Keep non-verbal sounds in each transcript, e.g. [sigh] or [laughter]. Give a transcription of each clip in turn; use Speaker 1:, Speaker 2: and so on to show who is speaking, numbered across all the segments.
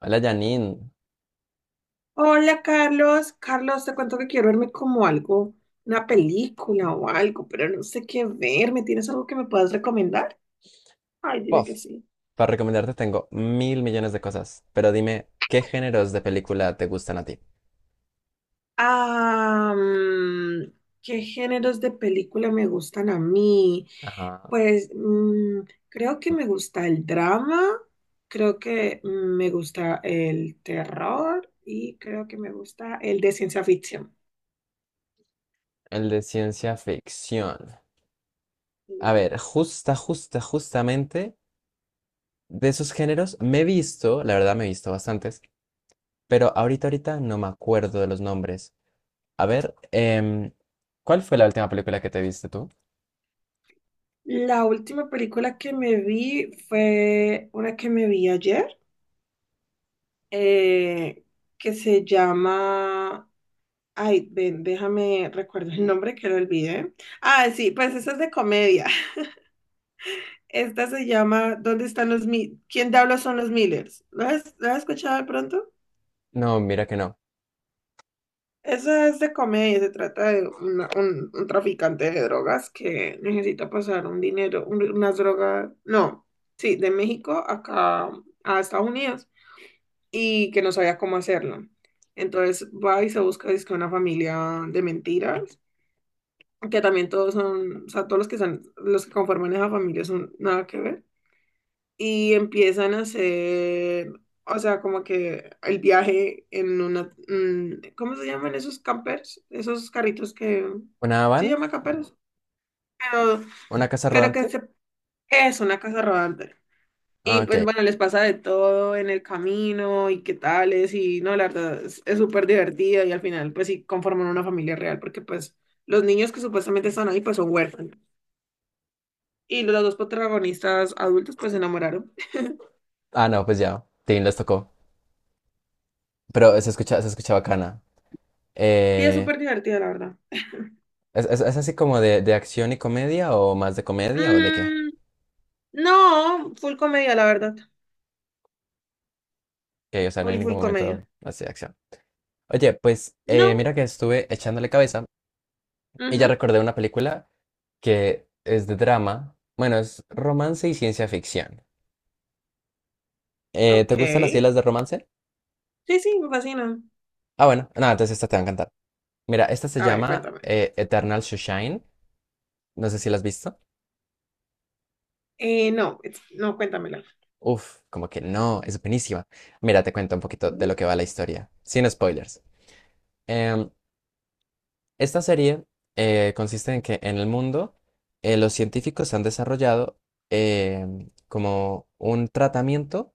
Speaker 1: Hola Janine.
Speaker 2: Hola Carlos, Carlos, te cuento que quiero verme como algo, una película o algo, pero no sé qué verme. ¿Tienes algo que me puedas recomendar? Ay, dime que
Speaker 1: Puff.
Speaker 2: sí.
Speaker 1: Para recomendarte tengo mil millones de cosas, pero dime, ¿qué géneros de película te gustan a ti?
Speaker 2: Ah, mm, ¿Qué géneros de película me gustan a mí?
Speaker 1: Ajá,
Speaker 2: Pues creo que me gusta el drama, creo que me gusta el terror y creo que me gusta el de ciencia ficción.
Speaker 1: el de ciencia ficción. A ver, justamente de esos géneros me he visto, la verdad me he visto bastantes, pero ahorita no me acuerdo de los nombres. A ver, ¿cuál fue la última película que te viste tú?
Speaker 2: La última película que me vi fue una que me vi ayer, eh, que se llama... Ay, ven, déjame, recuerdo el nombre que lo olvidé. Ah, sí, pues esa es de comedia. [laughs] Esta se llama ¿Dónde están los ¿Quién diablos son los Millers? ¿Lo has escuchado de pronto?
Speaker 1: No, mira que no.
Speaker 2: Esa es de comedia, se trata de un traficante de drogas que necesita pasar un dinero, unas drogas, no, sí, de México acá a Estados Unidos, y que no sabía cómo hacerlo. Entonces va y se busca dizque una familia de mentiras, que también todos son, o sea, todos los que son, los que conforman esa familia son nada que ver. Y empiezan a hacer, o sea, como que el viaje en una, ¿cómo se llaman esos campers? Esos carritos que,
Speaker 1: ¿Una
Speaker 2: ¿sí? ¿Se
Speaker 1: van?
Speaker 2: llama camperos? Pero,
Speaker 1: ¿Una casa
Speaker 2: pero que
Speaker 1: rodante?
Speaker 2: se- es una casa rodante.
Speaker 1: Ah,
Speaker 2: Y pues
Speaker 1: ok.
Speaker 2: bueno, les pasa de todo en el camino y qué tales y no, la verdad es súper divertida y al final pues sí conforman una familia real porque pues los niños que supuestamente están ahí pues son huérfanos y los dos protagonistas adultos pues se enamoraron.
Speaker 1: Ah, no, pues ya, Tim les tocó. Pero se escucha bacana.
Speaker 2: Y es
Speaker 1: Eh,
Speaker 2: súper divertida la verdad.
Speaker 1: es así como de acción y comedia o más de comedia o de qué?
Speaker 2: Mm, no, full comedia la verdad,
Speaker 1: Que, o sea, no hay
Speaker 2: full
Speaker 1: ningún
Speaker 2: full comedia.
Speaker 1: momento así de acción. Oye, pues
Speaker 2: No,
Speaker 1: mira que estuve echándole cabeza y ya
Speaker 2: ujú,
Speaker 1: recordé una película que es de drama. Bueno, es romance y ciencia ficción. ¿Te
Speaker 2: ok.
Speaker 1: gustan así las de romance?
Speaker 2: Sí, sí, me fascina.
Speaker 1: Ah, bueno, nada, entonces esta te va a encantar. Mira, esta se
Speaker 2: A ver,
Speaker 1: llama
Speaker 2: cuéntame.
Speaker 1: Eternal Sunshine. No sé si la has visto.
Speaker 2: No, no, cuéntamela.
Speaker 1: Uf, como que no, es buenísima. Mira, te cuento un poquito de
Speaker 2: Sí,
Speaker 1: lo que va la historia, sin spoilers. Em, Esta serie consiste en que en el mundo los científicos han desarrollado como un tratamiento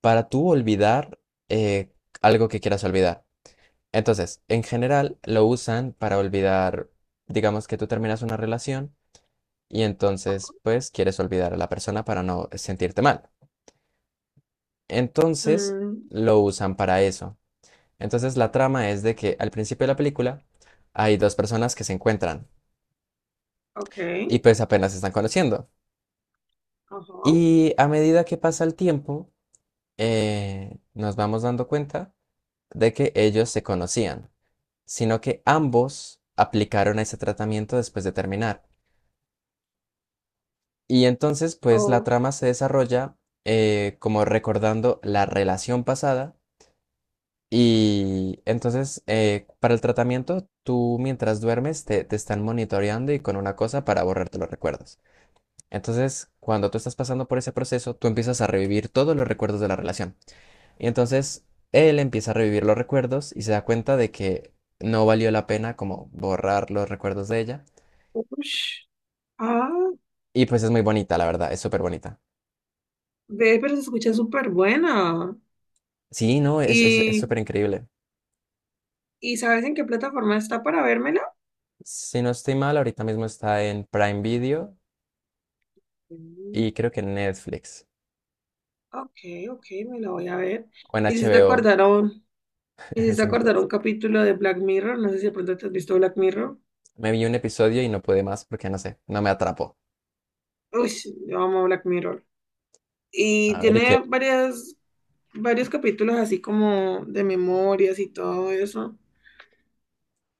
Speaker 1: para tú olvidar eh, algo que quieras olvidar. Entonces, en general lo usan para olvidar, digamos que tú terminas una relación y entonces pues quieres olvidar a la persona para no sentirte mal. Entonces
Speaker 2: mm,
Speaker 1: lo usan para eso. Entonces la trama es de que al principio de la película hay dos personas que se encuentran
Speaker 2: ok,
Speaker 1: y pues apenas se están conociendo.
Speaker 2: ajá.
Speaker 1: Y a medida que pasa el tiempo, nos vamos dando cuenta de que ellos se conocían, sino que ambos aplicaron ese tratamiento después de terminar. Y entonces, pues la
Speaker 2: O-
Speaker 1: trama se desarrolla como recordando la relación pasada. Y entonces, para el tratamiento, tú mientras duermes te están monitoreando y con una cosa para borrarte los recuerdos. Entonces, cuando tú estás pasando por ese proceso, tú empiezas a revivir todos los recuerdos de la relación. Y entonces, él empieza a revivir los recuerdos y se da cuenta de que no valió la pena como borrar los recuerdos de ella.
Speaker 2: ush. Ah,
Speaker 1: Y pues es muy bonita, la verdad, es súper bonita.
Speaker 2: ve, pero se escucha súper buena.
Speaker 1: Sí, no, es
Speaker 2: ¿Y,
Speaker 1: súper increíble.
Speaker 2: y sabes en qué plataforma está para vérmela?
Speaker 1: Si no estoy mal, ahorita mismo está en Prime Video y
Speaker 2: Mm,
Speaker 1: creo que en Netflix
Speaker 2: ok, ok, me la voy a ver.
Speaker 1: o en
Speaker 2: Me hiciste
Speaker 1: HBO.
Speaker 2: acordar a un,
Speaker 1: [laughs]
Speaker 2: me hiciste acordar a
Speaker 1: Entonces,
Speaker 2: un capítulo de Black Mirror. No sé si de pronto te has visto Black Mirror.
Speaker 1: me vi un episodio y no pude más porque no sé, no me atrapó.
Speaker 2: Uy, yo amo Black Mirror. Y
Speaker 1: A ver, ¿y qué?
Speaker 2: tiene varios capítulos así como de memorias y todo eso.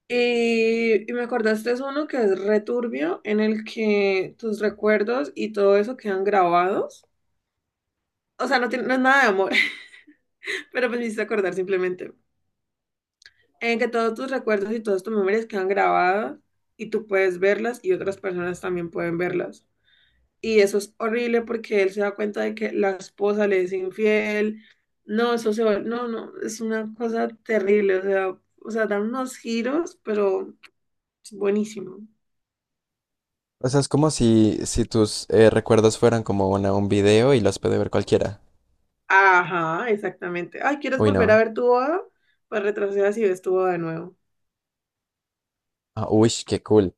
Speaker 2: Y me acordaste es uno que es returbio, en el que tus recuerdos y todo eso quedan grabados. O sea, no, tiene, no es nada de amor, [laughs] pero pues me hiciste acordar simplemente. En que todos tus recuerdos y todas tus memorias quedan grabadas y tú puedes verlas y otras personas también pueden verlas. Y eso es horrible porque él se da cuenta de que la esposa le es infiel. No, no, no, es una cosa terrible. O sea, dan unos giros, pero es buenísimo.
Speaker 1: O sea, es como si, si tus recuerdos fueran como un video y los puede ver cualquiera.
Speaker 2: Ajá, exactamente. Ay, ¿quieres
Speaker 1: Uy,
Speaker 2: volver a
Speaker 1: no.
Speaker 2: ver tu boda? Pues retrocedas y ves tu boda de nuevo.
Speaker 1: Ah, uy, qué cool.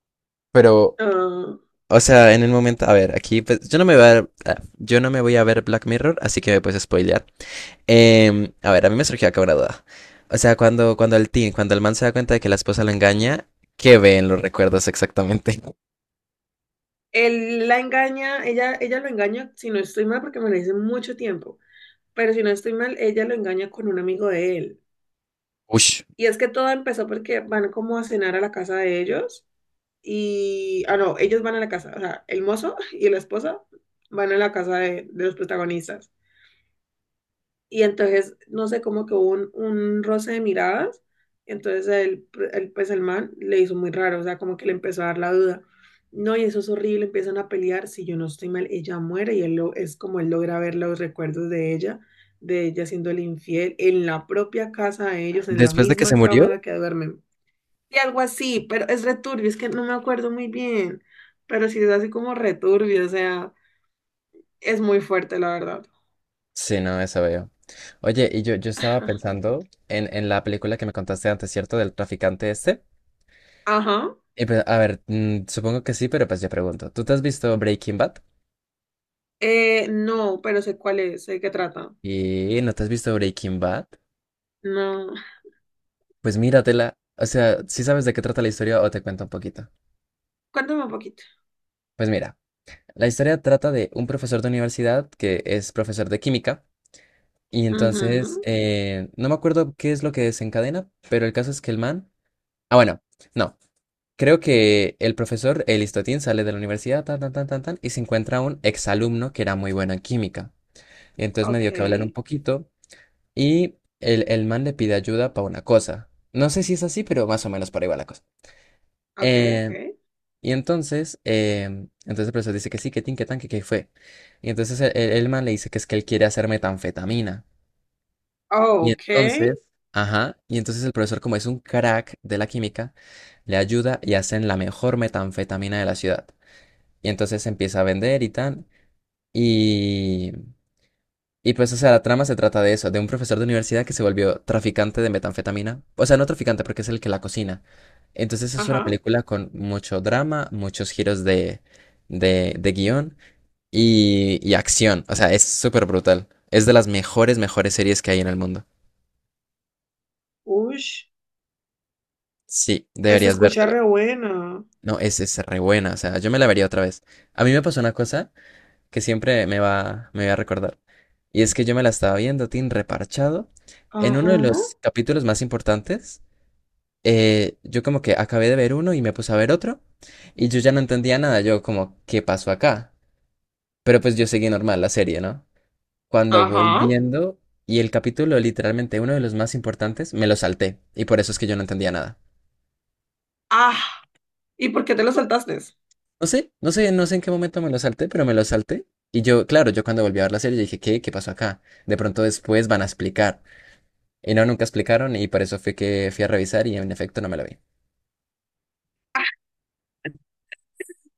Speaker 1: Pero,
Speaker 2: Ah,
Speaker 1: o sea, en el momento, a ver, aquí, pues, yo no me voy a ver, ah, yo no me voy a ver Black Mirror, así que me puedes spoilear. A ver, a mí me surgió acá una duda. O sea, cuando el teen, cuando el man se da cuenta de que la esposa lo engaña, ¿qué ve en los recuerdos exactamente? [laughs]
Speaker 2: él la engaña, ella lo engaña, si no estoy mal, porque me lo hice mucho tiempo, pero si no estoy mal, ella lo engaña con un amigo de él.
Speaker 1: Uy,
Speaker 2: Y es que todo empezó porque van como a cenar a la casa de ellos y, ah, no, ellos van a la casa, o sea, el mozo y la esposa van a la casa de los protagonistas. Y entonces, no sé, como que hubo un roce de miradas. Entonces, pues el man le hizo muy raro, o sea, como que le empezó a dar la duda. No, y eso es horrible, empiezan a pelear. Si yo no estoy mal, ella muere y él lo, es como él logra ver los recuerdos de ella siendo el infiel en la propia casa de ellos, en la
Speaker 1: después de que se
Speaker 2: misma cama en
Speaker 1: murió.
Speaker 2: la que duermen. Y algo así, pero es returbio, es que no me acuerdo muy bien, pero sí es así como returbio, o sea, es muy fuerte, la verdad.
Speaker 1: Sí, no, eso veo. Oye, yo estaba pensando en la película que me contaste antes, ¿cierto? Del traficante este.
Speaker 2: Ajá.
Speaker 1: Y pues, a ver, supongo que sí, pero pues yo pregunto, ¿tú te has visto Breaking Bad?
Speaker 2: No, pero sé cuál es, sé de qué trata.
Speaker 1: ¿Y no te has visto Breaking Bad?
Speaker 2: No.
Speaker 1: Pues míratela. O sea, si sabes de qué trata la historia o te cuento un poquito?
Speaker 2: Cuéntame un poquito.
Speaker 1: Pues mira, la historia trata de un profesor de universidad que es profesor de química y entonces,
Speaker 2: Ujú,
Speaker 1: no me acuerdo qué es lo que desencadena, pero el caso es que el man... Ah, bueno, no. Creo que el profesor, el Listotín, sale de la universidad, tan, tan, tan, tan, tan, y se encuentra un exalumno que era muy bueno en química. Y entonces me
Speaker 2: ok,
Speaker 1: dio que hablar un poquito. Y el man le pide ayuda para una cosa. No sé si es así, pero más o menos por ahí va la cosa.
Speaker 2: ok, ok.
Speaker 1: Eh, y entonces, entonces el profesor dice que sí, que tin, que tan, que qué fue. Y entonces el man le dice que es que él quiere hacer metanfetamina.
Speaker 2: Oh,
Speaker 1: Y
Speaker 2: ok.
Speaker 1: entonces, ajá, y entonces el profesor, como es un crack de la química, le ayuda y hacen la mejor metanfetamina de la ciudad. Y entonces empieza a vender y tan. Y, Y pues, o sea, la trama se trata de eso, de un profesor de universidad que se volvió traficante de metanfetamina. O sea, no traficante porque es el que la cocina. Entonces es una
Speaker 2: Ajá.
Speaker 1: película con mucho drama, muchos giros de guión y acción. O sea, es súper brutal. Es de las mejores, mejores series que hay en el mundo.
Speaker 2: Ush.
Speaker 1: Sí,
Speaker 2: Se
Speaker 1: deberías
Speaker 2: escucha
Speaker 1: vértela.
Speaker 2: re buena.
Speaker 1: No, es re buena. O sea, yo me la vería otra vez. A mí me pasó una cosa que siempre me va a recordar. Y es que yo me la estaba viendo, Tin, reparchado. En uno
Speaker 2: Ajá.
Speaker 1: de los capítulos más importantes yo como que acabé de ver uno y me puse a ver otro y yo ya no entendía nada, yo como, ¿qué pasó acá? Pero pues yo seguí normal la serie, ¿no? Cuando voy
Speaker 2: Ajá.
Speaker 1: viendo y el capítulo literalmente uno de los más importantes, me lo salté y por eso es que yo no entendía nada.
Speaker 2: Ah. ¿Y por qué te lo saltaste?
Speaker 1: No sé en qué momento me lo salté, pero me lo salté. Y yo, claro, yo cuando volví a ver la serie dije, ¿qué? ¿Qué pasó acá? De pronto después van a explicar. Y no, nunca explicaron y por eso fue que fui a revisar y en efecto no me lo vi.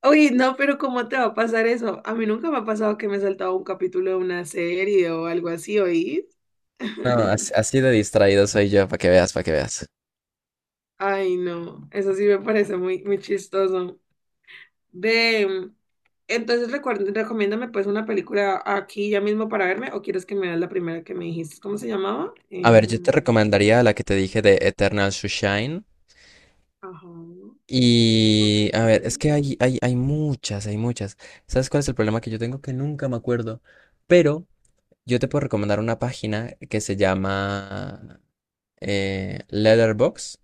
Speaker 2: Uy, no, pero ¿cómo te va a pasar eso? A mí nunca me ha pasado que me he saltado un capítulo de una serie o algo así, ¿oís?
Speaker 1: No,
Speaker 2: [laughs]
Speaker 1: así de distraído soy yo, para que veas, para que veas.
Speaker 2: Ay, no, eso sí me parece muy, muy chistoso. De, mm, entonces recomiéndame pues una película aquí ya mismo para verme o quieres que me veas la primera que me dijiste. ¿Cómo se llamaba?
Speaker 1: A ver, yo te
Speaker 2: Em,
Speaker 1: recomendaría la que te dije de Eternal Sunshine.
Speaker 2: ajá, ok.
Speaker 1: Y a ver, es que hay muchas, hay muchas. ¿Sabes cuál es el problema que yo tengo? Que nunca me acuerdo. Pero yo te puedo recomendar una página que se llama Letterboxd.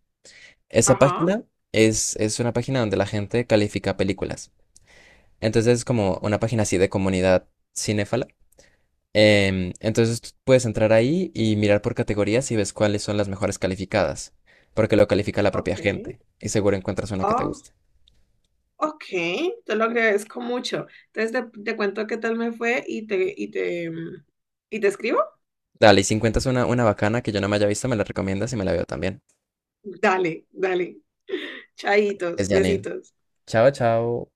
Speaker 1: Esa
Speaker 2: Ajá,
Speaker 1: página es una página donde la gente califica películas. Entonces es como una página así de comunidad cinéfala. Entonces tú puedes entrar ahí y mirar por categorías y ves cuáles son las mejores calificadas, porque lo califica la
Speaker 2: ok.
Speaker 1: propia gente y seguro encuentras una que te
Speaker 2: Oh,
Speaker 1: guste.
Speaker 2: ok. Te lo agradezco mucho. Entonces te cuento qué tal me fue y te, em, y te escribo.
Speaker 1: Dale, y si encuentras una bacana que yo no me haya visto, me la recomiendas y me la veo también.
Speaker 2: Dale, dale. [laughs] Chaitos,
Speaker 1: Es Janine.
Speaker 2: besitos.
Speaker 1: Chao, chao.